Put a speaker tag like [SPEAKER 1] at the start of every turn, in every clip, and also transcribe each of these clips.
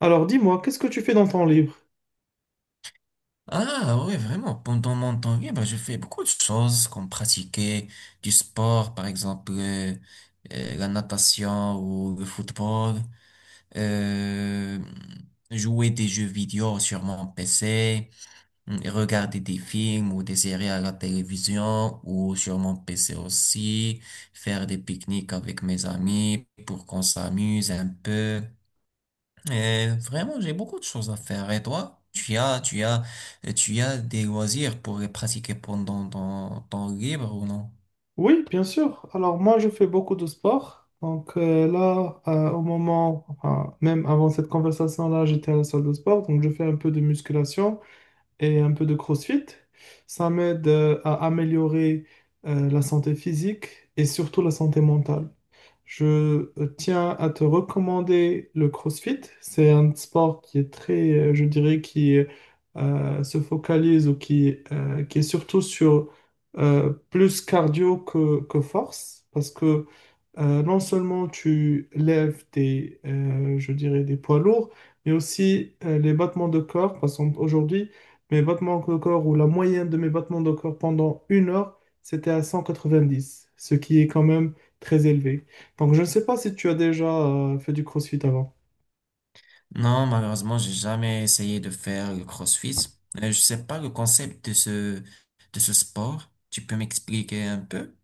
[SPEAKER 1] Alors dis-moi, qu'est-ce que tu fais dans ton libre?
[SPEAKER 2] Ah oui, vraiment. Pendant mon temps libre, je fais beaucoup de choses comme pratiquer du sport, par exemple la natation ou le football, euh, jouer des jeux vidéo sur mon PC, mm, et regarder des films ou des séries à la télévision ou sur mon PC aussi, faire des pique-niques avec mes amis pour qu'on s'amuse un peu. Et vraiment, j'ai beaucoup de choses à faire. Et toi, tu as des loisirs pour les pratiquer pendant ton temps libre ou non?
[SPEAKER 1] Oui, bien sûr. Alors moi, je fais beaucoup de sport. Donc là, au moment, enfin, même avant cette conversation-là, j'étais à la salle de sport. Donc je fais un peu de musculation et un peu de CrossFit. Ça m'aide à améliorer la santé physique et surtout la santé mentale. Je tiens à te recommander le CrossFit. C'est un sport qui est très, je dirais, qui se focalise ou qui est surtout sur plus cardio que force, parce que non seulement tu lèves des, je dirais, des poids lourds, mais aussi les battements de corps. Parce qu'aujourd'hui, mes battements de corps ou la moyenne de mes battements de corps pendant 1 heure, c'était à 190, ce qui est quand même très élevé. Donc, je ne sais pas si tu as déjà fait du CrossFit avant.
[SPEAKER 2] Non, malheureusement, j'ai jamais essayé de faire le CrossFit. Je sais pas le concept de ce sport. Tu peux m'expliquer un peu?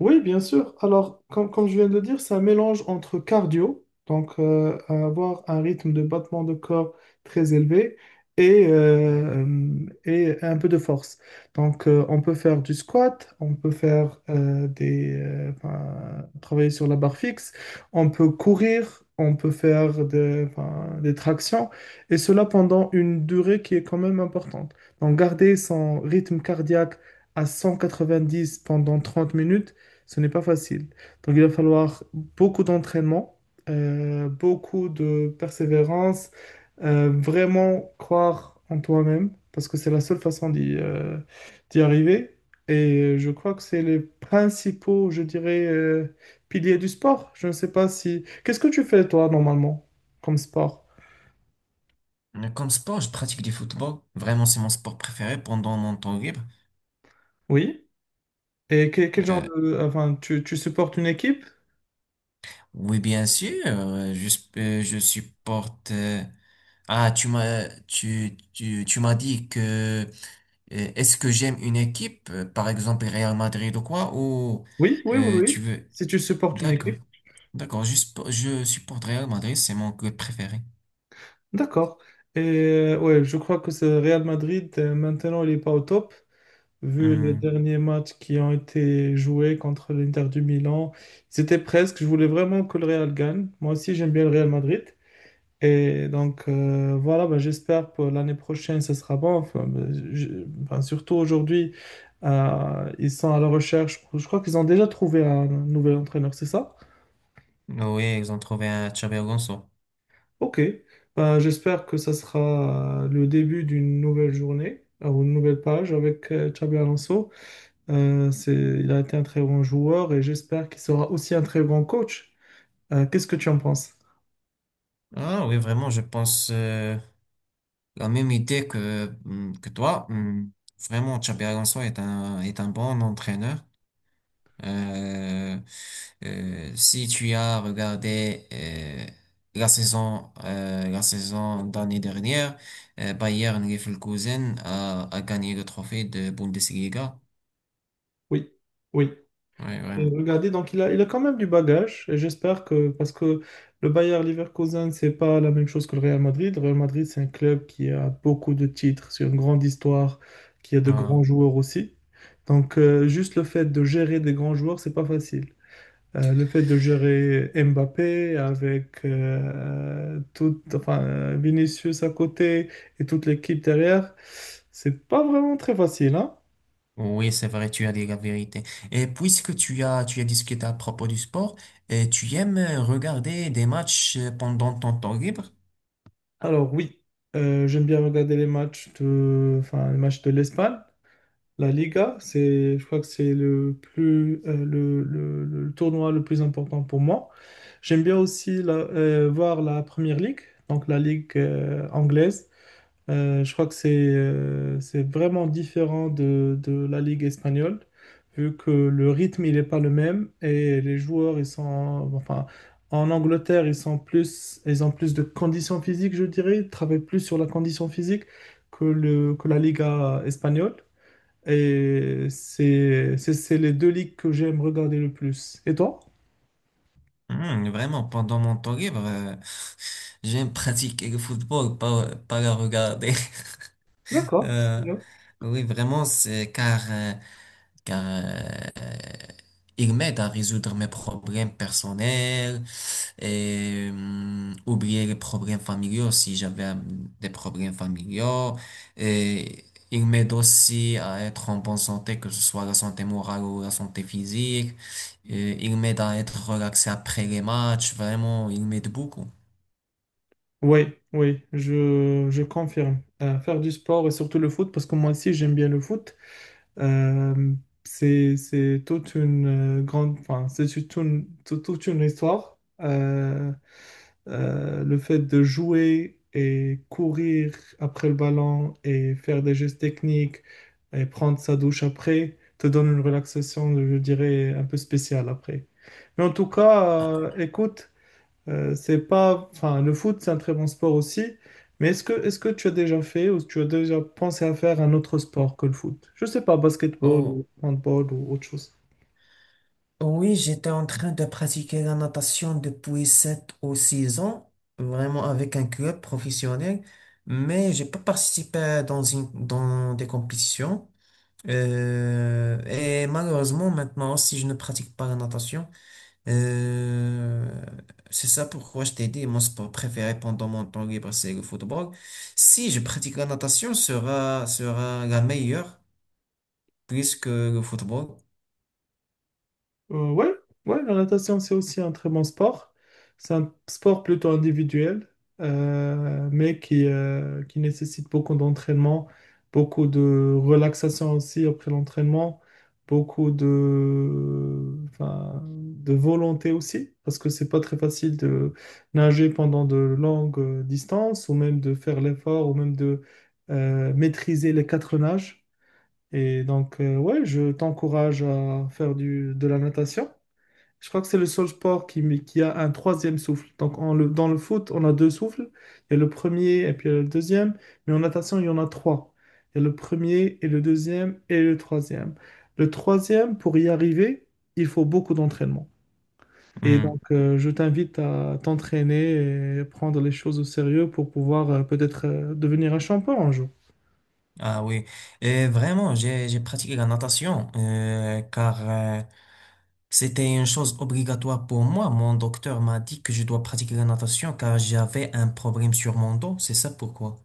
[SPEAKER 1] Oui, bien sûr. Alors, comme je viens de le dire, c'est un mélange entre cardio, donc avoir un rythme de battement de corps très élevé, et, euh, et un peu de force. Donc, on peut faire du squat, on peut faire enfin, travailler sur la barre fixe, on peut courir, on peut faire enfin, des tractions, et cela pendant une durée qui est quand même importante. Donc, garder son rythme cardiaque à 190 pendant 30 minutes, ce n'est pas facile. Donc, il va falloir beaucoup d'entraînement, beaucoup de persévérance, vraiment croire en toi-même, parce que c'est la seule façon d'y arriver. Et je crois que c'est les principaux, je dirais, piliers du sport. Je ne sais pas si. Qu'est-ce que tu fais, toi, normalement, comme sport?
[SPEAKER 2] Comme sport, je pratique du football. Vraiment, c'est mon sport préféré pendant mon temps libre.
[SPEAKER 1] Oui. Et quel, genre
[SPEAKER 2] Euh,
[SPEAKER 1] de. Enfin, tu supportes une équipe?
[SPEAKER 2] oui, bien sûr. Je supporte. Ah, tu m'as dit que. Est-ce que j'aime une équipe, par exemple Real Madrid ou quoi, ou
[SPEAKER 1] Oui, oui, oui, oui.
[SPEAKER 2] tu veux...
[SPEAKER 1] Si tu supportes une
[SPEAKER 2] D'accord,
[SPEAKER 1] équipe.
[SPEAKER 2] d'accord, je supporte Real Madrid, c'est mon club préféré.
[SPEAKER 1] D'accord. Et ouais, je crois que c'est Real Madrid. Maintenant, il n'est pas au top, vu les
[SPEAKER 2] Hmm.
[SPEAKER 1] derniers matchs qui ont été joués contre l'Inter du Milan. C'était presque, je voulais vraiment que le Real gagne. Moi aussi, j'aime bien le Real Madrid. Et donc, voilà, ben, j'espère pour l'année prochaine, ça sera bon. Enfin, ben, ben, surtout aujourd'hui, ils sont à la recherche. Je crois qu'ils ont déjà trouvé un nouvel entraîneur, c'est ça?
[SPEAKER 2] Oui, ils ont trouvé un Xabi Alonso.
[SPEAKER 1] Ok, ben, j'espère que ça sera le début d'une nouvelle journée, ou une nouvelle page avec Xabi Alonso. Il a été un très bon joueur et j'espère qu'il sera aussi un très bon coach. Qu'est-ce que tu en penses?
[SPEAKER 2] Ah oui, vraiment, je pense la même idée que, hmm, que toi. Hmm. Vraiment, Xabi Alonso est un bon entraîneur. Euh, Si tu as regardé la saison d'année dernière, Bayern Leverkusen a gagné le trophée de Bundesliga.
[SPEAKER 1] Oui, oui.
[SPEAKER 2] Oui, vraiment.
[SPEAKER 1] Regardez, donc il a quand même du bagage, et j'espère que, parce que le Bayer Leverkusen, c'est pas la même chose que le Real Madrid. Le Real Madrid, c'est un club qui a beaucoup de titres, c'est une grande histoire, qui a de grands
[SPEAKER 2] Ah,
[SPEAKER 1] joueurs aussi. Donc, juste le fait de gérer des grands joueurs, c'est pas facile. Le fait de gérer Mbappé avec tout, enfin, Vinicius à côté et toute l'équipe derrière, c'est pas vraiment très facile, hein.
[SPEAKER 2] oui, c'est vrai, tu as dit la vérité. Et puisque tu as discuté à propos du sport, tu aimes regarder des matchs pendant ton temps libre?
[SPEAKER 1] Alors oui, j'aime bien regarder les matchs de, enfin, les matchs de l'Espagne, la Liga. C'est, je crois que c'est le plus, le tournoi le plus important pour moi. J'aime bien aussi voir la Première Ligue, donc la Ligue anglaise. Je crois que c'est vraiment différent de la Ligue espagnole, vu que le rythme il n'est pas le même et les joueurs ils sont enfin en Angleterre ils sont plus ils ont plus de conditions physiques, je dirais, ils travaillent plus sur la condition physique que la Liga espagnole. Et c'est les deux ligues que j'aime regarder le plus. Et toi?
[SPEAKER 2] Hmm, vraiment, pendant mon temps libre, j'aime pratiquer le football, pas le regarder.
[SPEAKER 1] D'accord, c'est
[SPEAKER 2] Euh,
[SPEAKER 1] bien.
[SPEAKER 2] oui, vraiment, c'est car il m'aide à résoudre mes problèmes personnels et oublier les problèmes familiaux si j'avais des problèmes familiaux. Et il m'aide aussi à être en bonne santé, que ce soit la santé morale ou la santé physique. Et il m'aide à être relaxé après les matchs. Vraiment, il m'aide beaucoup.
[SPEAKER 1] Oui, oui, je confirme. Faire du sport et surtout le foot, parce que moi aussi j'aime bien le foot. Euh, c'est toute une grande, enfin, c'est toute une histoire. Le fait de jouer et courir après le ballon et faire des gestes techniques et prendre sa douche après te donne une relaxation, je dirais, un peu spéciale après. Mais en tout cas,
[SPEAKER 2] Ah,
[SPEAKER 1] écoute, c'est pas, enfin, le foot, c'est un très bon sport aussi, mais est-ce que tu as déjà fait ou tu as déjà pensé à faire un autre sport que le foot? Je sais pas, basketball
[SPEAKER 2] oh,
[SPEAKER 1] ou handball ou autre chose.
[SPEAKER 2] oui, j'étais en train de pratiquer la natation depuis 7 ou 6 ans, vraiment avec un club professionnel, mais j'ai pas participé dans des compétitions. Et malheureusement, maintenant, si je ne pratique pas la natation, euh, c'est ça pourquoi je t'ai dit, mon sport préféré pendant mon temps libre, c'est le football. Si je pratique la natation, sera la meilleure plus que le football.
[SPEAKER 1] Ouais, ouais, la natation, c'est aussi un très bon sport. C'est un sport plutôt individuel, mais qui nécessite beaucoup d'entraînement, beaucoup de relaxation aussi après l'entraînement, beaucoup de, enfin, de volonté aussi, parce que c'est pas très facile de nager pendant de longues distances, ou même de faire l'effort, ou même de maîtriser les quatre nages. Et donc, ouais, je t'encourage à faire du, de la natation. Je crois que c'est le seul sport qui a un troisième souffle. Donc dans le foot, on a deux souffles. Il y a le premier et puis il y a le deuxième. Mais en natation, il y en a trois. Il y a le premier et le deuxième et le troisième. Le troisième, pour y arriver, il faut beaucoup d'entraînement. Et donc, je t'invite à t'entraîner et prendre les choses au sérieux pour pouvoir peut-être devenir un champion un jour.
[SPEAKER 2] Ah oui, et vraiment, j'ai pratiqué la natation car c'était une chose obligatoire pour moi. Mon docteur m'a dit que je dois pratiquer la natation car j'avais un problème sur mon dos, c'est ça pourquoi.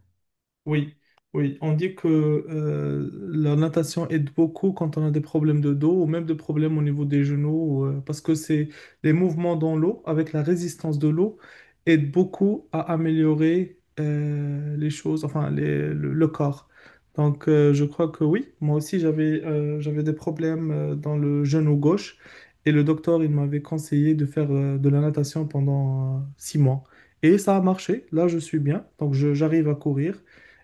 [SPEAKER 1] Oui, oui, on dit que la natation aide beaucoup quand on a des problèmes de dos ou même des problèmes au niveau des genoux, parce que c'est les mouvements dans l'eau avec la résistance de l'eau aident beaucoup à améliorer les choses, enfin le corps. Donc je crois que oui, moi aussi j'avais des problèmes dans le genou gauche et le docteur il m'avait conseillé de faire de la natation pendant 6 mois. Et ça a marché, là je suis bien, donc j'arrive à courir.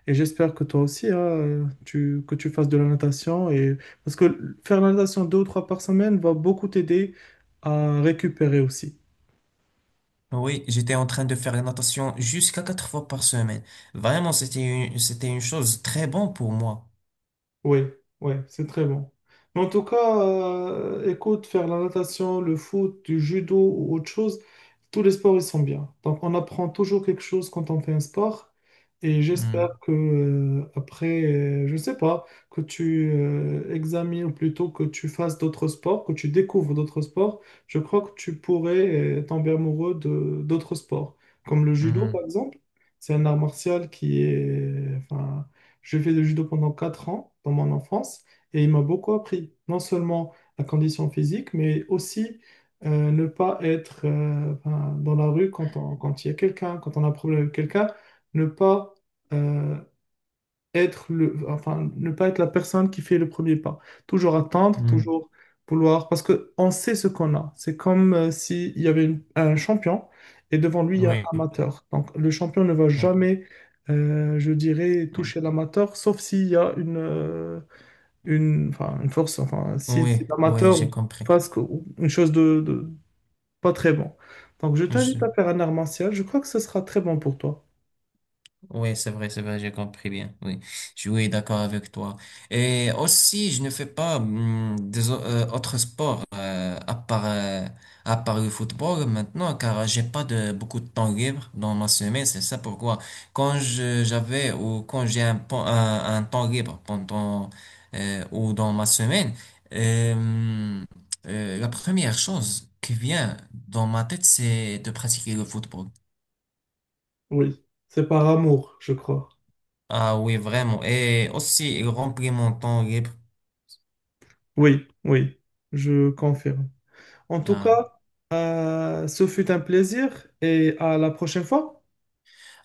[SPEAKER 1] Et j'espère que toi aussi, hein, que tu fasses de la natation. Et. Parce que faire la natation deux ou trois par semaine va beaucoup t'aider à récupérer aussi.
[SPEAKER 2] Oui, j'étais en train de faire la natation jusqu'à quatre fois par semaine. Vraiment, c'était une chose très bonne pour moi.
[SPEAKER 1] Oui, oui, c'est très bon. Mais en tout cas, écoute, faire la natation, le foot, du judo ou autre chose, tous les sports, ils sont bien. Donc, on apprend toujours quelque chose quand on fait un sport. Et
[SPEAKER 2] Hmm,
[SPEAKER 1] j'espère que, après, je ne sais pas, que tu examines ou plutôt que tu fasses d'autres sports, que tu découvres d'autres sports. Je crois que tu pourrais tomber amoureux de d'autres sports, comme le judo,
[SPEAKER 2] hmm,
[SPEAKER 1] par exemple. C'est un art martial qui est, enfin, j'ai fait du judo pendant 4 ans dans mon enfance et il m'a beaucoup appris, non seulement la condition physique, mais aussi ne pas être ben, dans la rue quand quand il y a quelqu'un, quand on a un problème avec quelqu'un, ne pas euh, être enfin, ne pas être la personne qui fait le premier pas. Toujours attendre,
[SPEAKER 2] hmm.
[SPEAKER 1] toujours vouloir, parce que on sait ce qu'on a. C'est comme s'il y avait un champion et devant lui, il y a
[SPEAKER 2] Oui,
[SPEAKER 1] un amateur. Donc, le champion ne va
[SPEAKER 2] oui,
[SPEAKER 1] jamais, je dirais,
[SPEAKER 2] oui,
[SPEAKER 1] toucher l'amateur, sauf s'il y a une, enfin, une force, enfin, si,
[SPEAKER 2] oui,
[SPEAKER 1] si
[SPEAKER 2] oui,
[SPEAKER 1] l'amateur
[SPEAKER 2] j'ai
[SPEAKER 1] Oui.
[SPEAKER 2] compris.
[SPEAKER 1] fasse une chose de pas très bon. Donc, je t'invite à faire un art martial. Je crois que ce sera très bon pour toi.
[SPEAKER 2] Oui, c'est vrai, j'ai compris bien. Oui, je suis oui, d'accord avec toi. Et aussi, je ne fais pas autres sports à part le football maintenant, car j'ai pas de beaucoup de temps libre dans ma semaine. C'est ça pourquoi quand je j'avais ou quand j'ai un temps libre pendant ou dans ma semaine, euh, la première chose qui vient dans ma tête, c'est de pratiquer le football.
[SPEAKER 1] Oui, c'est par amour, je crois.
[SPEAKER 2] Ah oui, vraiment. Et aussi, il remplit mon temps libre.
[SPEAKER 1] Oui, oui, je confirme. En tout
[SPEAKER 2] Ah,
[SPEAKER 1] cas, ce fut un plaisir et à la prochaine fois.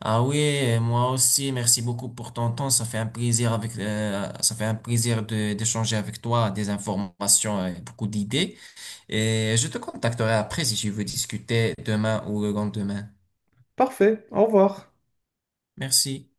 [SPEAKER 2] ah oui, et moi aussi, merci beaucoup pour ton temps. Ça fait un plaisir avec, ça fait un plaisir de, d'échanger avec toi des informations et beaucoup d'idées. Et je te contacterai après si tu veux discuter demain ou le lendemain.
[SPEAKER 1] Parfait, au revoir.
[SPEAKER 2] Merci.